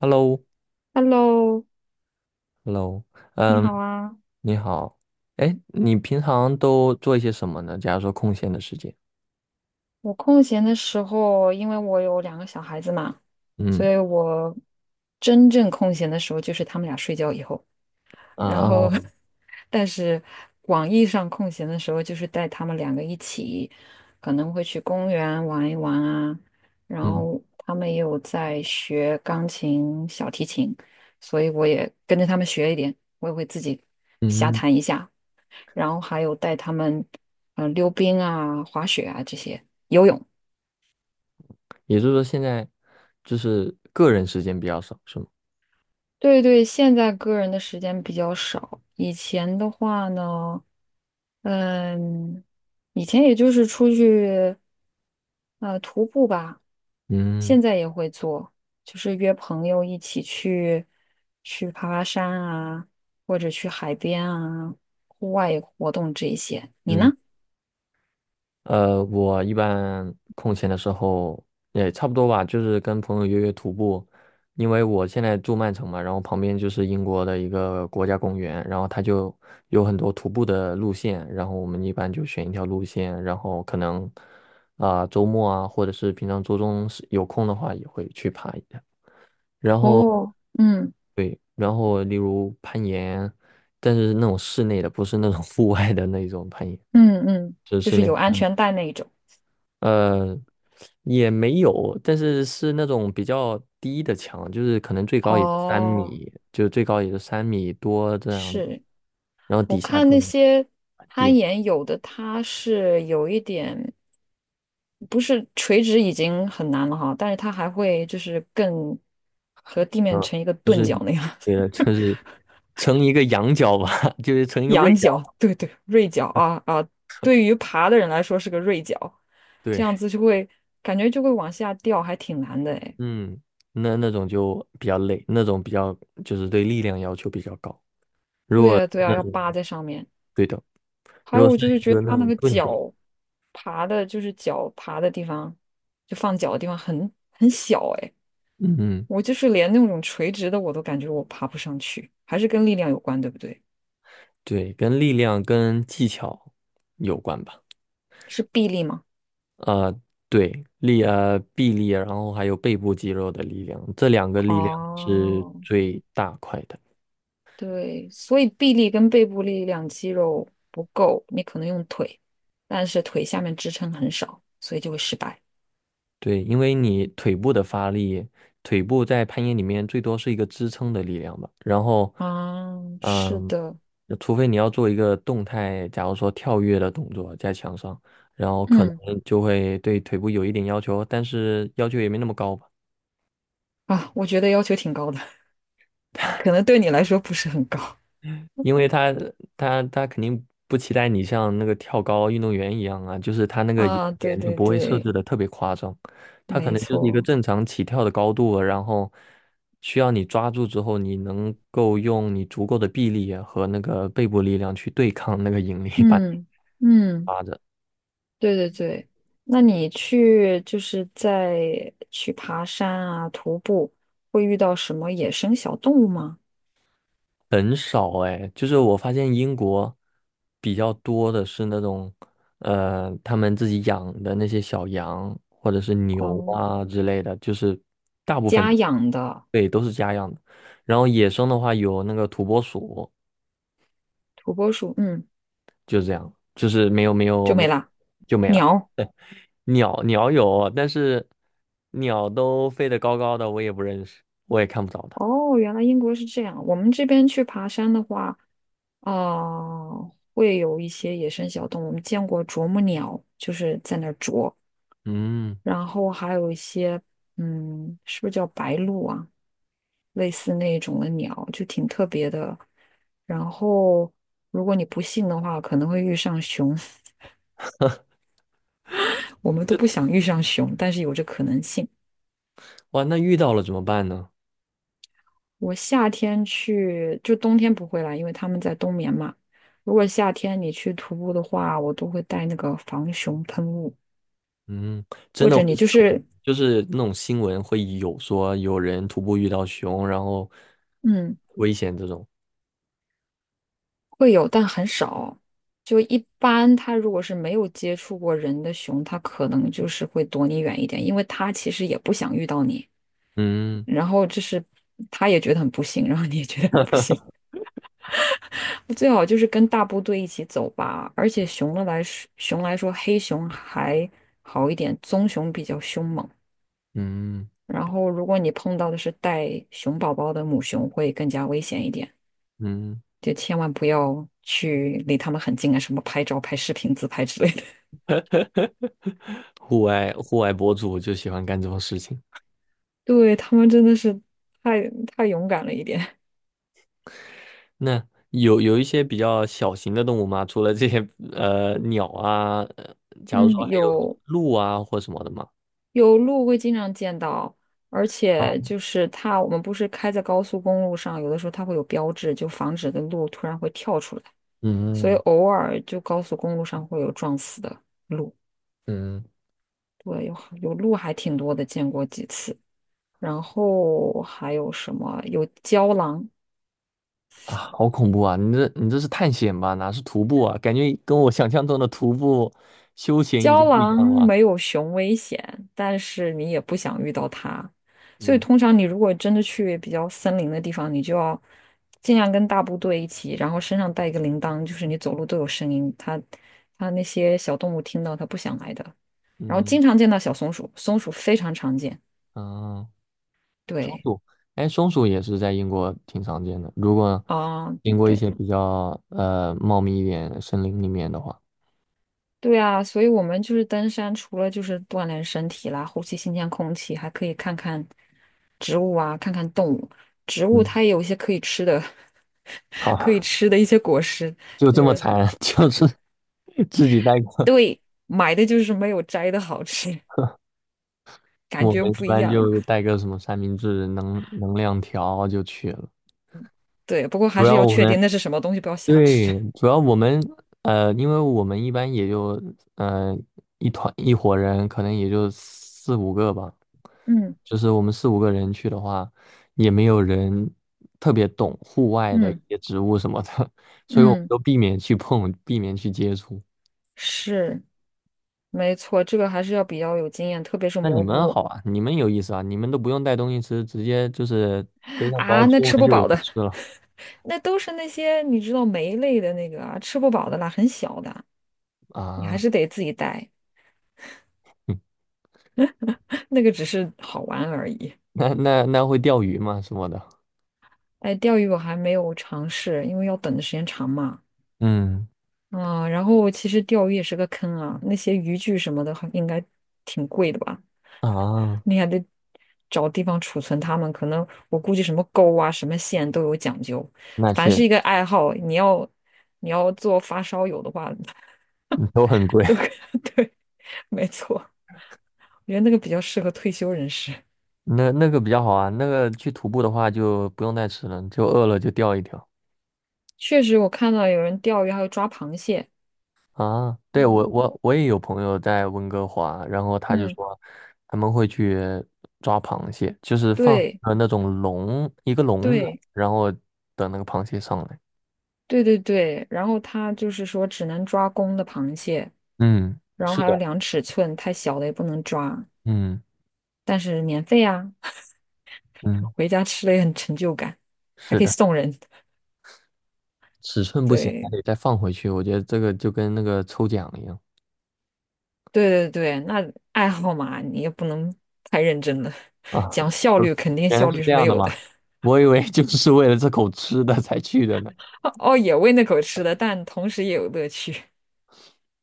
Hello,Hello,Hello,你嗯，好啊！你好。哎，你平常都做一些什么呢？假如说空闲的时间。我空闲的时候，因为我有两个小孩子嘛，所嗯以我真正空闲的时候就是他们俩睡觉以后，啊然后，哦 但是广义上空闲的时候，就是带他们两个一起，可能会去公园玩一玩啊，然嗯后他们也有在学钢琴、小提琴，所以我也跟着他们学一点，我也会自己瞎嗯，弹一下。然后还有带他们溜冰啊、滑雪啊这些，游泳。也就是说现在就是个人时间比较少，是吗？对对，现在个人的时间比较少，以前的话呢，嗯，以前也就是出去徒步吧，嗯现在也会做，就是约朋友一起去爬爬山啊，或者去海边啊，户外活动这一些。你呢？嗯我一般空闲的时候也差不多吧，就是跟朋友约约徒步。因为我现在住曼城嘛，然后旁边就是英国的一个国家公园，然后它就有很多徒步的路线，然后我们一般就选一条路线，然后可能啊、周末啊，或者是平常周中是有空的话也会去爬一下，然后哦，嗯例如攀岩，但是那种室内的，不是那种户外的那种攀岩，嗯嗯，就是就室是内。有安全带那一种。呃，也没有，但是是那种比较低的墙，就是可能最高也就三哦，米，就最高也就三米多这样子，是然后底我下看就那些很攀低。岩，有的它是有一点，不是垂直已经很难了哈，但是它还会就是更和地面嗯，成一个就钝是角那样，也就是成一个羊角吧，就是成 一个锐仰角角，吧。对对，锐角啊啊，对于爬的人来说是个锐角，这样对。子就会感觉就会往下掉，还挺难的哎。嗯，那种就比较累，那种比较就是对力量要求比较高。对呀对那呀，要种扒在上面。对的，还如有果是我就是一觉个得他那那种个钝角。脚爬的，就是脚爬的地方，就放脚的地方很小哎，嗯。我就是连那种垂直的我都感觉我爬不上去，还是跟力量有关，对不对？对，跟力量跟技巧有关吧。是臂力吗？呃，对，臂力，然后还有背部肌肉的力量，这两个力量是哦，最大块的。对，所以臂力跟背部力量肌肉不够，你可能用腿，但是腿下面支撑很少，所以就会失败。对，因为你腿部的发力，腿部在攀岩里面最多是一个支撑的力量吧。然后啊，是嗯，的，除非你要做一个动态，假如说跳跃的动作在墙上，然后可能嗯，就会对腿部有一点要求，但是要求也没那么高吧。啊，我觉得要求挺高的，可能对你来说不是很高。因为他肯定不期待你像那个跳高运动员一样啊，就是他那个眼啊，对点就对不会设对。置的特别夸张。他可没能就是一个错，正常起跳的高度啊，然后需要你抓住之后，你能够用你足够的臂力啊和那个背部力量去对抗那个引力 把你嗯嗯抓着。对对对。那你去就是在去爬山啊、徒步，会遇到什么野生小动物吗？很少哎，就是我发现英国比较多的是那种，他们自己养的那些小羊或者是牛哦，啊之类的，就是。家养的对，都是家养的。然后野生的话有那个土拨鼠，土拨鼠，嗯，就这样，就是没有没有就没没啦。就没了。鸟，鸟有，但是鸟都飞得高高的，我也不认识，我也看不着它。哦，原来英国是这样。我们这边去爬山的话，啊、会有一些野生小动物。我们见过啄木鸟，就是在那儿啄，嗯。然后还有一些，嗯，是不是叫白鹭啊？类似那种的鸟，就挺特别的。然后，如果你不信的话，可能会遇上熊。我们都不想遇上熊，但是有这可能性。哇，那遇到了怎么办呢？我夏天去，就冬天不会来，因为他们在冬眠嘛。如果夏天你去徒步的话，我都会带那个防熊喷雾，嗯，真或的者会你就有，是，就是那种新闻会有说有人徒步遇到熊，然后嗯，危险这种。会有，但很少。就一般，它如果是没有接触过人的熊，它可能就是会躲你远一点，因为它其实也不想遇到你。嗯然后就是它也觉得很不幸，然后你也觉得很不幸。最好就是跟大部队一起走吧。而且熊的来说，熊来说，黑熊还好一点，棕熊比较凶猛。嗯然后如果你碰到的是带熊宝宝的母熊，会更加危险一点。嗯，就千万不要去离他们很近啊，什么拍照、拍视频、自拍之类 户外博主就喜欢干这种事情。对，他们真的是太勇敢了一点。那有有一些比较小型的动物吗？除了这些鸟啊，假如说嗯，还有有鹿啊或什么的吗？有鹿会经常见到，而啊，且就是它，我们不是开在高速公路上，有的时候它会有标志，就防止的鹿突然会跳出来，所以嗯偶尔就高速公路上会有撞死的鹿。嗯对，有鹿还挺多的，见过几次。然后还有什么？有郊狼，啊，好恐怖啊！你这是探险吧？哪是徒步啊？感觉跟我想象中的徒步休闲已郊经不一狼样了啊。没有熊危险，但是你也不想遇到它，所以嗯通常你如果真的去比较森林的地方，你就要尽量跟大部队一起，然后身上带一个铃铛，就是你走路都有声音，它那些小动物听到它不想来的。然后嗯经常见到小松鼠，松鼠非常常见。啊，松对，鼠，哎，松鼠也是在英国挺常见的。如果啊、经过一对，些比较茂密一点的森林里面的话，对啊，所以我们就是登山，除了就是锻炼身体啦，呼吸新鲜空气，还可以看看植物啊，看看动物。植物嗯，它也有一些可以吃的，可以好。吃的一些果实，就就这么是惨，就是自己带个，买的就是没有摘的好吃，感我觉们一不一般样。就带个什么三明治、能量条就去了。对，不过主还是要要我确们定那是什么东西，不要瞎对，吃。主要我们因为我们一般也就呃一团一伙人，可能也就四五个吧。嗯就是我们四五个人去的话，也没有人特别懂户外的一嗯些植物什么的，所以我们嗯，都避免去碰，避免去接触。是没错，这个还是要比较有经验，特别是那你蘑们菇好啊，你们有意思啊，你们都不用带东西吃，直接就是背上包啊，那出吃门不就有饱的。吃了那都是那些你知道酶类的那个啊，吃不饱的啦，很小的，你啊。还是嗯，得自己带。那个只是好玩而已。那那会钓鱼吗？什么的？哎，钓鱼我还没有尝试，因为要等的时间长嘛。嗯嗯，然后其实钓鱼也是个坑啊，那些渔具什么的还应该挺贵的吧？啊，你还得找地方储存它们，可能我估计什么钩啊、什么线都有讲究。那凡确是一个爱好，你要做发烧友的话，都很贵。都 对，没错。我觉得那个比较适合退休人士。那那个比较好啊，那个去徒步的话就不用带吃了，就饿了就钓一条确实，我看到有人钓鱼，还有抓螃蟹。啊。对，嗯，我也有朋友在温哥华，然后他就嗯说他们会去抓螃蟹，就是放对那种一个笼子，对然后等那个螃蟹上来。对对对。然后他就是说，只能抓公的螃蟹，嗯。然后是还有的。量尺寸，太小的也不能抓。嗯但是免费啊，嗯，回家吃了也很成就感，还是可以的，送人。尺寸不行还对得再放回去。我觉得这个就跟那个抽奖一样对对对，那爱好嘛，你也不能太认真了，啊。讲效呃率肯定原来效是率是这没样的有吗？的。我以为就 是为了这口吃的才去的呢。哦，也喂那口吃的，但同时也有乐趣。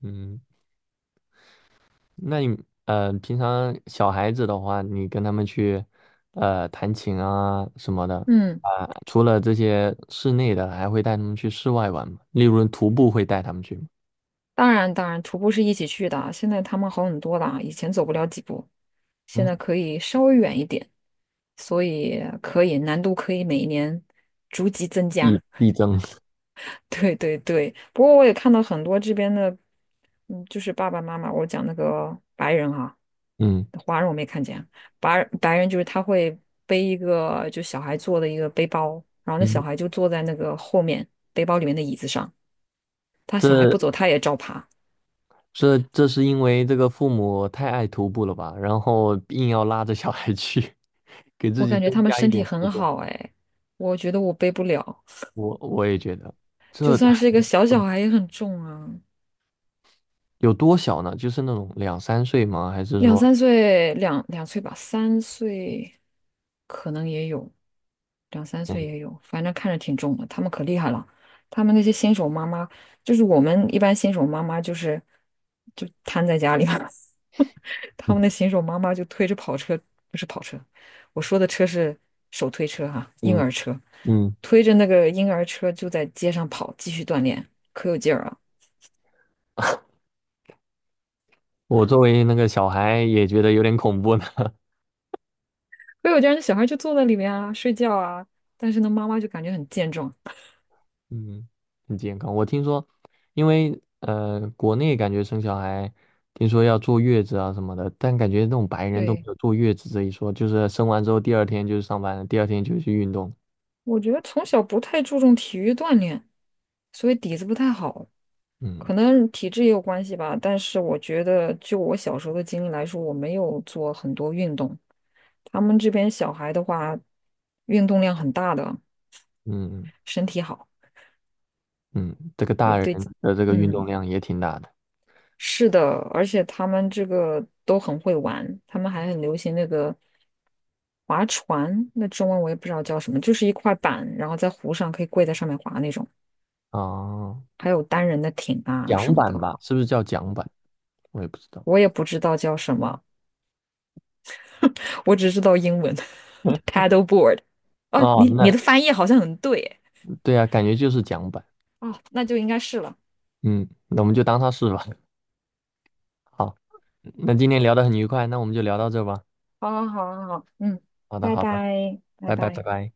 嗯，那你平常小孩子的话，你跟他们去弹琴啊什么的 嗯。啊，除了这些室内的，还会带他们去室外玩吗？例如徒步会带他们去吗？当然，当然，徒步是一起去的啊。现在他们好很多了啊，以前走不了几步，现在嗯，可以稍微远一点，所以可以难度可以每一年逐级增加。力争，对对对，不过我也看到很多这边的，嗯，就是爸爸妈妈，我讲那个白人哈、嗯华人我没看见，白人就是他会背一个就小孩坐的一个背包，然后那小嗯，孩就坐在那个后面背包里面的椅子上，他小孩不走，这他也照爬。这是因为这个父母太爱徒步了吧，然后硬要拉着小孩去，给自我己感觉增他们加一身体点负很重。好哎，我觉得我背不了，我也觉得，就这算是一个小小孩也很重啊。有多小呢？就是那种两三岁吗？还是两说，三岁，两岁吧，三岁可能也有，两三岁也嗯有，反正看着挺重的。他们可厉害了，他们那些新手妈妈，我们一般新手妈妈就瘫在家里嘛，他嗯们的新手妈妈就推着跑车，不是跑车，我说的车是手推车哈、婴嗯，儿车，嗯推着那个婴儿车就在街上跑，继续锻炼，可有劲儿啊！我作为那个小孩也觉得有点恐怖呢。可有劲儿，那小孩就坐在里面啊，睡觉啊，但是呢，妈妈就感觉很健壮。嗯，很健康。我听说，因为国内感觉生小孩，听说要坐月子啊什么的，但感觉那种白人都没对，有坐月子这一说，就是生完之后第二天就是上班了，第二天就去运动。我觉得从小不太注重体育锻炼，所以底子不太好，嗯可能体质也有关系吧。但是我觉得，就我小时候的经历来说，我没有做很多运动。他们这边小孩的话，运动量很大的，嗯身体好，嗯，这个对大人对，的这个运动嗯，量也挺大的。是的，而且他们这个都很会玩，他们还很流行那个划船，那中文我也不知道叫什么，就是一块板，然后在湖上可以跪在上面划那种。哦，还有单人的艇啊什桨么板的，吧，是不是叫桨板？我也不知道。我也不知道叫什么，我只知道英文 paddleboard。哦，哦，你那的翻译好像很对对啊，感觉就是桨板。哦，那就应该是了。嗯，那我们就当它是吧。好，那今天聊得很愉快，那我们就聊到这吧。好好好好好，嗯，好的，拜好的，拜，拜拜拜，拜拜。拜。